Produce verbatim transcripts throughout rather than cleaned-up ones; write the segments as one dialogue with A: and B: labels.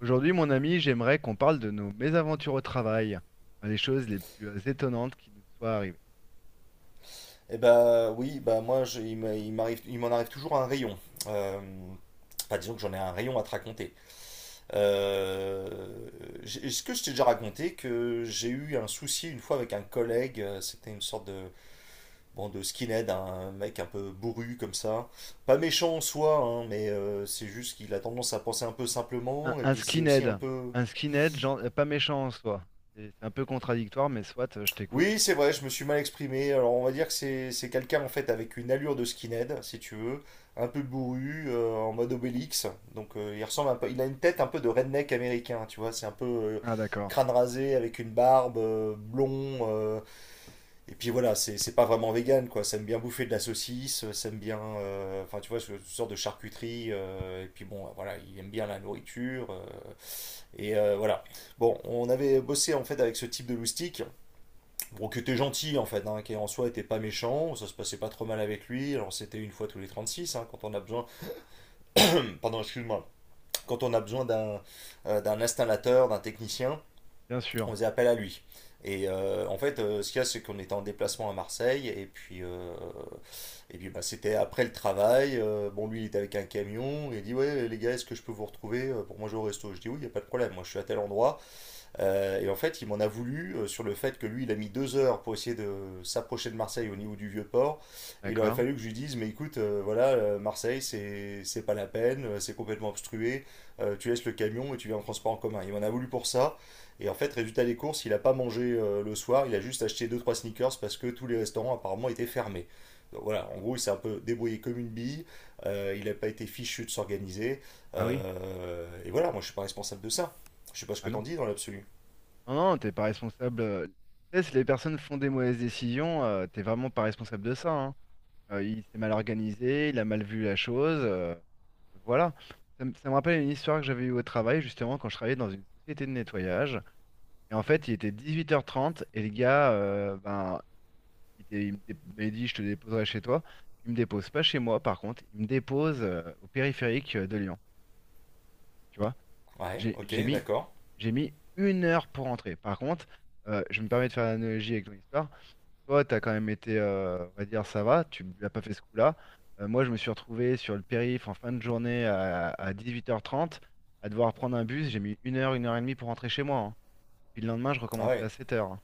A: Aujourd'hui, mon ami, j'aimerais qu'on parle de nos mésaventures au travail, les choses les plus euh, étonnantes qui nous soient arrivées.
B: Eh ben oui, bah moi je- il m'a- il m'arrive, il m'en arrive toujours un rayon. Euh, enfin disons que j'en ai un rayon à te raconter. Euh, j'ai- Est-ce que je t'ai déjà raconté que j'ai eu un souci une fois avec un collègue, euh, c'était une sorte de bon de skinhead, hein, un mec un peu bourru comme ça. Pas méchant en soi, hein, mais euh, c'est juste qu'il a tendance à penser un peu
A: Un,
B: simplement et
A: un
B: puis c'est aussi un
A: skinhead,
B: peu.
A: un skinhead, gen- euh, pas méchant en soi. C'est c'est un peu contradictoire, mais soit, euh, je t'écoute. Hein.
B: Oui, c'est vrai, je me suis mal exprimé. Alors, on va dire que c'est c'est quelqu'un en fait avec une allure de skinhead, si tu veux, un peu bourru, euh, en mode Obélix. Donc, euh, il ressemble un peu, il a une tête un peu de redneck américain, tu vois. C'est un peu euh,
A: Ah d'accord,
B: crâne rasé avec une barbe, euh, blond. euh, et puis voilà, c'est c'est pas vraiment vegan, quoi. Ça aime bien bouffer de la saucisse, euh, ça aime bien, euh, enfin, tu vois, ce, ce genre de charcuterie. euh, et puis bon, voilà, il aime bien la nourriture. euh, et euh, voilà. Bon, on avait bossé en fait avec ce type de loustic. Bon, qui était gentil en fait, hein, qui en soi était pas méchant, ça se passait pas trop mal avec lui. Alors c'était une fois tous les trente-six, hein, quand on a besoin, pardon, excuse-moi, quand on a besoin d'un euh, d'un installateur, d'un technicien,
A: bien sûr,
B: on faisait appel à lui. Et euh, en fait, euh, ce qu'il y a, c'est qu'on était en déplacement à Marseille, et puis, euh, et puis bah, c'était après le travail. euh, bon, lui, il était avec un camion, il dit : « Ouais, les gars, est-ce que je peux vous retrouver euh, pour manger au resto ? » Je dis : « Oui, il n'y a pas de problème, moi je suis à tel endroit. » euh, et en fait, il m'en a voulu euh, sur le fait que lui, il a mis deux heures pour essayer de s'approcher de Marseille au niveau du Vieux-Port. Et il aurait
A: d'accord.
B: fallu que je lui dise : « Mais écoute, euh, voilà, euh, Marseille, c'est c'est pas la peine, euh, c'est complètement obstrué, euh, tu laisses le camion et tu viens en transport en commun. » Il m'en a voulu pour ça. Et en fait, résultat des courses, il a pas mangé euh, le soir, il a juste acheté deux trois sneakers parce que tous les restaurants apparemment étaient fermés. Donc voilà, en gros, il s'est un peu débrouillé comme une bille, euh, il n'a pas été fichu de s'organiser.
A: Ah oui,
B: euh, et voilà, moi, je ne suis pas responsable de ça. Je ne sais pas ce
A: ah
B: que
A: non.
B: t'en dis dans l'absolu.
A: Non, non, t'es pas responsable. Euh, tu sais, si les personnes font des mauvaises décisions, euh, t'es vraiment pas responsable de ça. Hein. Euh, il s'est mal organisé, il a mal vu la chose. Euh, voilà. Ça, me ça me rappelle une histoire que j'avais eue au travail, justement, quand je travaillais dans une société de nettoyage. Et en fait, il était dix-huit heures trente et le gars, euh, ben, il, était- il me dé- m'avait dit, je te déposerai chez toi. Il me dépose pas chez moi, par contre, il me dépose euh, au périphérique euh, de Lyon. Tu vois,
B: Ouais,
A: j'ai
B: ok,
A: j'ai mis,
B: d'accord.
A: j'ai mis une heure pour rentrer. Par contre, euh, je me permets de faire l'analogie avec ton histoire. Toi, tu as quand même été, euh, on va dire, ça va, tu n'as pas fait ce coup-là. Euh, moi, je me suis retrouvé sur le périph' en fin de journée à, à dix-huit heures trente à devoir prendre un bus. J'ai mis une heure, une heure et demie pour rentrer chez moi. Hein. Puis le lendemain, je
B: Ah
A: recommençais à
B: ouais,
A: sept heures.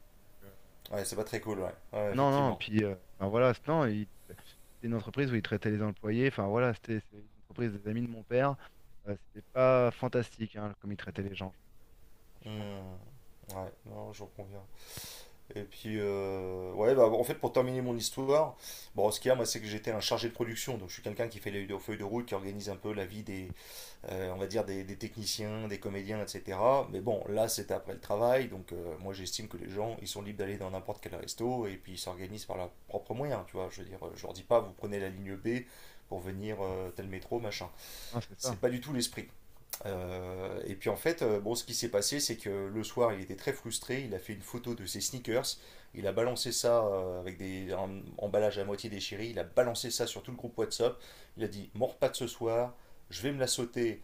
B: ouais, c'est pas très cool, ouais. Ouais,
A: Ah non, non,
B: effectivement.
A: puis euh, enfin, voilà, c'est- non, il- c'était une entreprise où ils traitaient les employés, enfin voilà, c'était c'est une entreprise des amis de mon père, euh, c'était pas fantastique hein, comme ils traitaient les gens, franchement.
B: Hmm. Ouais, non, j'en conviens. Et puis, euh, ouais, bah, en fait, pour terminer mon histoire, bon, ce qu'il y a, moi, c'est que j'étais un chargé de production. Donc, je suis quelqu'un qui fait les feuilles de route, qui organise un peu la vie des, euh, on va dire, des, des techniciens, des comédiens, et cætera. Mais bon, là, c'était après le travail. Donc, euh, moi, j'estime que les gens, ils sont libres d'aller dans n'importe quel resto et puis ils s'organisent par leurs propres moyens, tu vois. Je veux dire, euh, je leur dis pas : « Vous prenez la ligne B pour venir euh, tel métro, machin. »
A: Non, c'est
B: C'est
A: ça,
B: pas du tout l'esprit. Euh, et puis en fait, euh, bon, ce qui s'est passé, c'est que le soir, il était très frustré. Il a fait une photo de ses sneakers. Il a balancé ça euh, avec des, un emballage à moitié déchiré. Il a balancé ça sur tout le groupe WhatsApp. Il a dit : « Mon repas de ce soir, je vais me la sauter.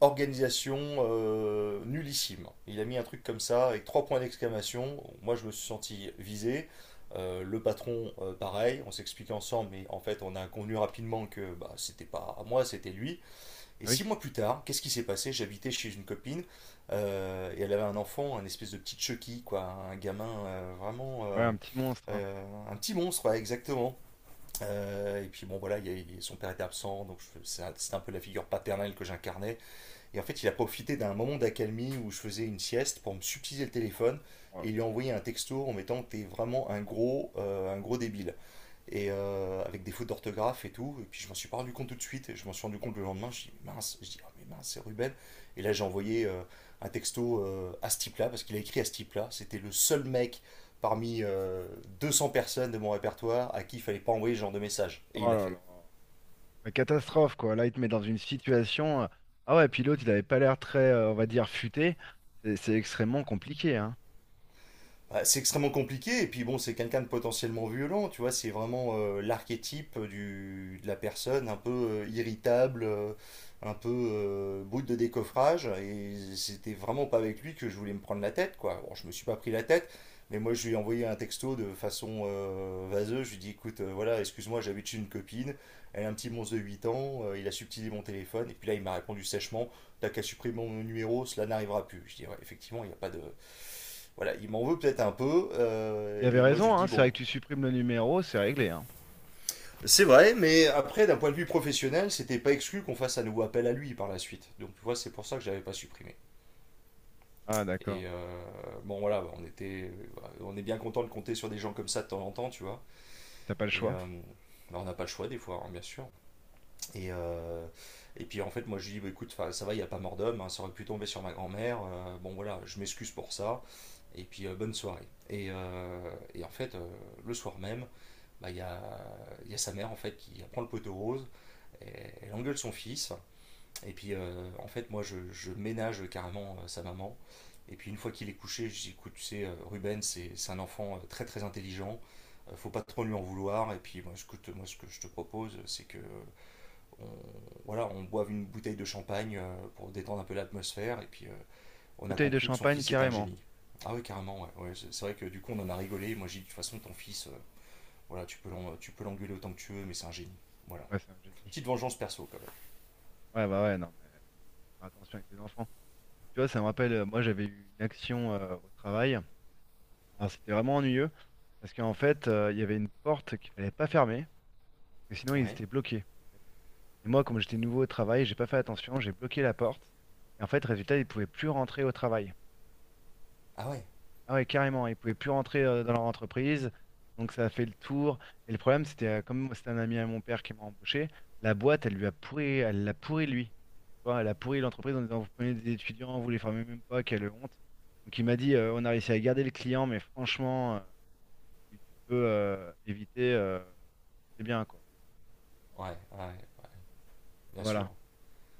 B: Organisation euh, nullissime. » Il a mis un truc comme ça avec trois points d'exclamation. Moi, je me suis senti visé. Euh, le patron, euh, pareil, on s'explique ensemble, mais en fait, on a convenu rapidement que bah, c'était pas à moi, c'était lui. Et
A: ah oui,
B: six mois plus tard, qu'est-ce qui s'est passé? J'habitais chez une copine euh, et elle avait un enfant, un espèce de petit Chucky, quoi, un gamin euh, vraiment
A: ouais,
B: euh,
A: un petit monstre, hein.
B: euh, un petit monstre, ouais, exactement. Euh, et puis bon voilà, il y a- il- son père était absent, donc je- c'est un- c'était un peu la figure paternelle que j'incarnais. Et en fait, il a profité d'un moment d'accalmie où je faisais une sieste pour me subtiliser le téléphone
A: Oh là
B: et il lui a envoyé un texto en mettant que t'es vraiment un gros, euh, un gros débile et euh, avec des fautes d'orthographe et tout. Et puis je m'en suis pas rendu compte tout de suite. Et je m'en suis rendu compte le lendemain. Je dis mince, je dis : « Ah, mais mince, c'est Ruben. » Et là j'ai envoyé euh, un texto euh, à ce type-là parce qu'il a écrit à ce type-là. C'était le seul mec parmi euh, deux cents personnes de mon répertoire à qui il fallait pas envoyer ce genre de message. Et il
A: oh
B: l'a
A: là là.
B: fait.
A: Ouais, Catastrophe, quoi, là, il te met dans une situation, euh, Ah ouais, puis l'autre, il avait pas l'air très, euh, on va dire, futé, c'est c'est extrêmement compliqué, hein.
B: Bah, c'est extrêmement compliqué, et puis bon, c'est quelqu'un de potentiellement violent, tu vois, c'est vraiment euh, l'archétype du, de la personne un peu euh, irritable, euh, un peu euh, bout de décoffrage, et c'était vraiment pas avec lui que je voulais me prendre la tête, quoi. Bon, je me suis pas pris la tête, mais moi je lui ai envoyé un texto de façon euh, vaseuse, je lui ai dit : « Écoute, euh, voilà, excuse-moi, j'habite chez une copine, elle a un petit monstre de huit ans, euh, il a subtilé mon téléphone. » Et puis là il m'a répondu sèchement : « T'as qu'à supprimer mon numéro, cela n'arrivera plus. » Je dis : « Ouais, effectivement, il n'y a pas de, voilà, il m'en veut peut-être un peu. »
A: Il
B: euh,
A: avait
B: et moi, je
A: raison,
B: lui
A: hein,
B: dis,
A: c'est vrai
B: bon,
A: que tu supprimes le numéro, c'est réglé, hein.
B: c'est vrai, mais après, d'un point de vue professionnel, c'était pas exclu qu'on fasse un nouveau appel à lui par la suite. Donc, tu vois, c'est pour ça que j'avais pas supprimé.
A: Ah d'accord,
B: Et euh, bon, voilà, on était, on est bien content de compter sur des gens comme ça de temps en temps, tu vois.
A: t'as pas le
B: Et
A: choix.
B: euh, bah, on n'a pas le choix des fois, hein, bien sûr. Et, euh, et puis en fait, moi, je lui dis : « Bah, écoute, 'fin, ça va, il n'y a pas mort d'homme, hein, ça aurait pu tomber sur ma grand-mère. euh, bon, voilà, je m'excuse pour ça. Et puis, euh, bonne soirée. » Et, euh, et en fait, euh, le soir même, bah, il y, a, y a sa mère en fait qui prend le poteau rose, et elle engueule son fils, et puis euh, en fait moi je, je ménage carrément euh, sa maman, et puis une fois qu'il est couché, je dis : « Écoute tu sais euh, Ruben c'est c'est un enfant euh, très très intelligent, euh, faut pas trop lui en vouloir, et puis moi écoute moi ce que je te propose c'est que on, voilà on boive une bouteille de champagne euh, pour détendre un peu l'atmosphère. » Et puis euh, on a
A: Bouteille de
B: conclu que son
A: champagne,
B: fils était un
A: carrément.
B: génie. Ah oui carrément ouais, ouais, c'est c'est vrai que du coup on en a rigolé, moi j'ai dit de toute façon ton fils euh, voilà, tu peux tu peux l'engueuler autant que tu veux, mais c'est un génie. Voilà.
A: Ouais, c'est un génie.
B: Petite vengeance perso quand
A: Ouais, bah ouais, non. Faire attention avec les enfants. Tu vois, ça me rappelle, euh, moi j'avais eu une action euh, au travail. Alors c'était vraiment ennuyeux parce qu'en fait, euh, il y avait une porte qu'il fallait pas fermer parce que sinon
B: même.
A: ils
B: Ouais.
A: étaient bloqués. Et moi, comme j'étais nouveau au travail, j'ai pas fait attention, j'ai bloqué la porte. Et en fait, résultat, ils pouvaient plus rentrer au travail.
B: Ah ouais.
A: Ah ouais, carrément, ils pouvaient plus rentrer euh, dans leur entreprise, donc ça a fait le tour. Et le problème, c'était euh, comme c'était un ami à mon père qui m'a embauché, la boîte, elle lui a pourri, elle l'a pourri lui. Tu vois, elle a pourri l'entreprise en disant, vous prenez des étudiants, vous les formez même pas, quelle honte. Donc il m'a dit, euh, on a réussi à garder le client, mais franchement, euh, tu tu peux euh, éviter, euh, c'est bien quoi.
B: Ouais, ouais, bien sûr.
A: Voilà.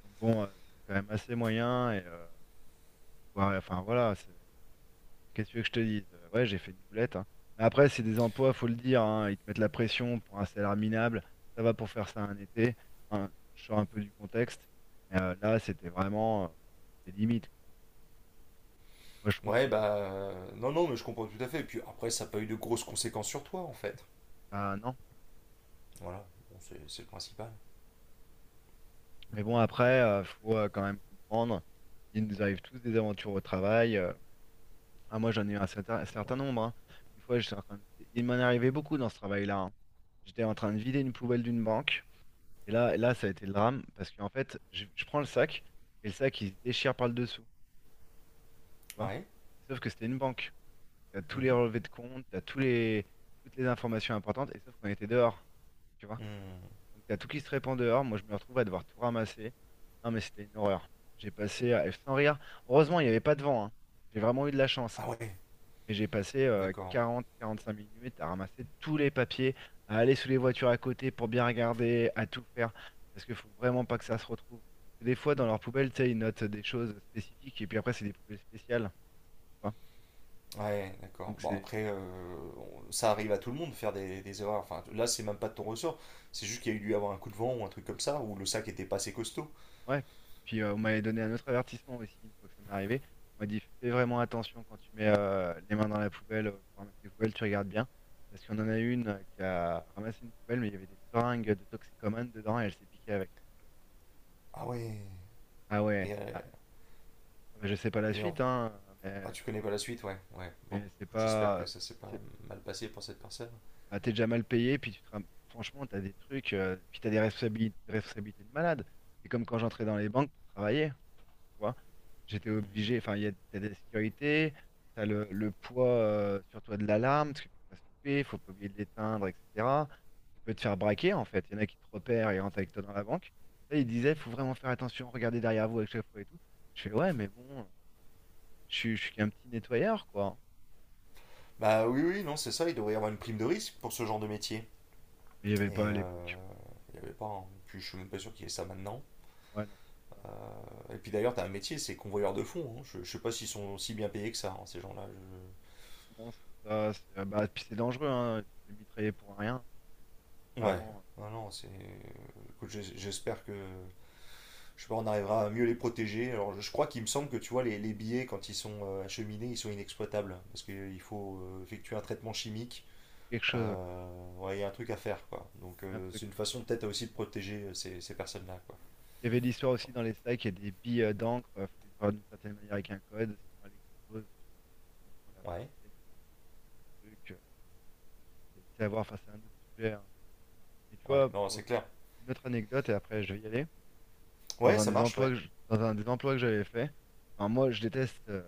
A: Donc bon, euh, c'était quand même assez moyen et euh, ouais, enfin voilà, c'est. Qu'est-ce que tu veux que je te dise? Euh, Ouais, j'ai fait une boulette. Hein. Mais après, c'est des emplois, faut le dire. Hein, ils te mettent la pression pour un salaire minable. Ça va pour faire ça un été. Hein, je sors un peu du contexte. Mais euh, là, c'était vraiment euh, des limites. Quoi. Moi, je trouve
B: Ouais,
A: qu'ils mettent.
B: bah euh, non, non, mais je comprends tout à fait. Et puis après, ça n'a pas eu de grosses conséquences sur toi, en fait.
A: Ah non.
B: Voilà. Bon, c'est c'est le principal.
A: Mais bon, après, euh, faut euh, quand même comprendre. Il nous arrive tous des aventures au travail. euh. Ah, moi, j'en ai eu un certain, un certain nombre. Hein. Une fois, j'étais en train de- il m'en arrivait beaucoup dans ce travail-là. Hein. J'étais en train de vider une poubelle d'une banque. Et là, là, ça a été le drame parce qu'en fait, je, je prends le sac et le sac il se déchire par le dessous. Tu vois?
B: Ouais.
A: Sauf que c'était une banque. Donc t'as tous les
B: Mhm.
A: relevés de compte, t'as tous les, toutes les informations importantes et sauf qu'on était dehors. Tu vois?
B: Hmm.
A: Donc t'as tout qui se répand dehors. Moi, je me retrouve à devoir tout ramasser. Non, mais c'était une horreur. J'ai passé à- sans rire. Heureusement, il n'y avait pas de vent. Hein. J'ai vraiment eu de la chance. Hein.
B: Ah ouais,
A: Mais j'ai passé
B: d'accord.
A: quarante, quarante-cinq minutes à ramasser tous les papiers, à aller sous les voitures à côté pour bien regarder, à tout faire, parce qu'il faut vraiment pas que ça se retrouve. Parce que des fois, dans leur poubelle, tu sais, ils notent des choses spécifiques, et puis après, c'est des poubelles spéciales. Tu vois.
B: Ouais, d'accord.
A: Donc
B: Bon,
A: c'est...
B: après, euh, on- ça arrive à tout le monde de faire des, des erreurs. Enfin, là, c'est même pas de ton ressort. C'est juste qu'il y a eu dû avoir un coup de vent ou un truc comme ça, ou le sac était pas assez costaud.
A: Ouais. Puis euh, on m'avait donné un autre avertissement aussi, une fois que ça m'est arrivé. On m'a dit, fais vraiment attention quand tu mets euh, les mains dans la poubelle, euh, pour ramasser les poubelles, tu regardes bien. Parce qu'on en a une euh, qui a ramassé une poubelle, mais il y avait des seringues de toxicomanes dedans, et elle s'est piquée avec.
B: Ah ouais.
A: Ah ouais.
B: Et, euh,
A: Mais Je sais pas la
B: et en
A: suite, hein,
B: Ah,
A: mais,
B: tu connais pas la suite, ouais. Ouais, bon.
A: mais c'est
B: Écoute, j'espère que
A: pas.
B: ça s'est pas
A: c'est-
B: mal passé pour cette personne.
A: Bah, t'es déjà mal payé, puis tu te ram- franchement, t'as des trucs, euh, puis t'as des responsabili- des responsabilités de malade. C'est comme quand j'entrais dans les banques pour travailler, tu vois. J'étais
B: Mhm.
A: obligé, enfin, il y a, t'as des sécurités, t'as le, le poids euh, sur toi de l'alarme, parce qu'il faut pas se louper, faut pas oublier de l'éteindre, et cetera. Tu peux te faire braquer, en fait. Il y en a qui te repèrent et rentrent avec toi dans la banque. Là, ils disaient, faut vraiment faire attention, regardez derrière vous à chaque fois et tout. Je fais, ouais, mais bon, je suis, je suis qu'un petit nettoyeur, quoi.
B: Bah oui, oui, non, c'est ça. Il devrait y avoir une prime de risque pour ce genre de métier.
A: Mais il n'y avait pas
B: Et
A: à
B: euh,
A: l'époque.
B: il n'y avait pas. Hein. Puis je suis même pas sûr qu'il y ait ça maintenant.
A: Ouais, non, mais c'est ça. Hein.
B: Euh, Et puis d'ailleurs, t'as un métier, c'est convoyeur de fonds. Hein. Je, je sais pas s'ils sont si bien payés que ça, hein, ces gens-là. Je.
A: C'est bon, c'est ça. C'est- euh, bah, puis c'est dangereux, hein. Tu te fais mitrailler pour rien.
B: Ouais.
A: Vraiment, euh,
B: Non, non, c'est. Écoute, j'es- j'espère que. Je sais pas, on arrivera à mieux les protéger. Alors, je je crois qu'il me semble que tu vois, les, les billets, quand ils sont euh, acheminés, ils sont inexploitables. Parce qu'il faut euh, effectuer un traitement chimique.
A: Quelque chose, ouais.
B: Euh, ouais, il y a un truc à faire, quoi. Donc,
A: C'est Un
B: euh,
A: truc.
B: c'est une façon peut-être aussi de protéger euh, ces, ces personnes-là, quoi.
A: Il y avait l'histoire aussi dans les sacs, il y a des billes euh, d'encre. Il faut les avoir d'une certaine manière avec un code, sinon elles explosent. Et ça prend l'air tous les
B: Ouais,
A: billets, tous les trucs. euh, C'est c'est à voir face à un autre sujet. Hein. Et tu
B: ouais,
A: vois,
B: non,
A: pour
B: c'est clair.
A: une autre anecdote, et après je vais y aller. Dans
B: Ouais,
A: un
B: ça
A: des
B: marche,
A: emplois
B: ouais.
A: que je- dans un des emplois que j'avais fait, enfin, moi je déteste euh,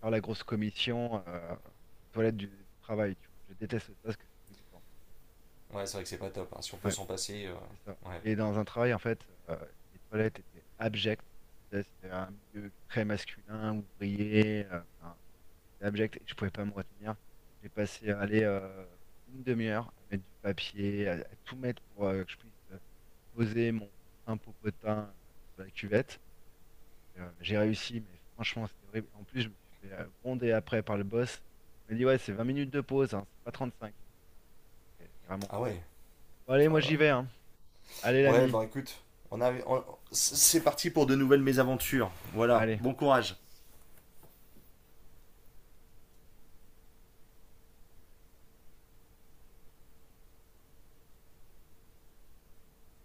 A: faire la grosse commission euh, aux toilettes du, du travail, tu vois. Je déteste ça parce que c'est dégoûtant.
B: Ouais, c'est vrai que c'est pas top. Hein. Si on peut
A: Ouais,
B: s'en passer, euh,
A: c'est ça.
B: ouais.
A: Et dans un travail, en fait, euh, les toilettes étaient abjectes. Tu C'était un milieu très masculin, ouvrier, euh, enfin, c'était abject et je pouvais pas me retenir. J'ai passé à aller euh, une demi-heure à mettre du papier, à, à tout mettre pour euh, que je puisse euh, poser mon sein popotin euh, sur la cuvette. Euh, j'ai réussi, mais franchement, c'était horrible. En plus, je me suis fait euh, gronder après par le boss. Il m'a dit, ouais, c'est vingt minutes de pause, hein, c'est pas trente cinq. J'étais vraiment
B: Ah
A: content.
B: ouais.
A: Bon, allez, moi
B: Voilà.
A: j'y vais, hein. Allez,
B: Ouais,
A: l'ami.
B: bah écoute, on a, on- c'est parti pour de nouvelles mésaventures. Voilà,
A: Allez.
B: bon courage.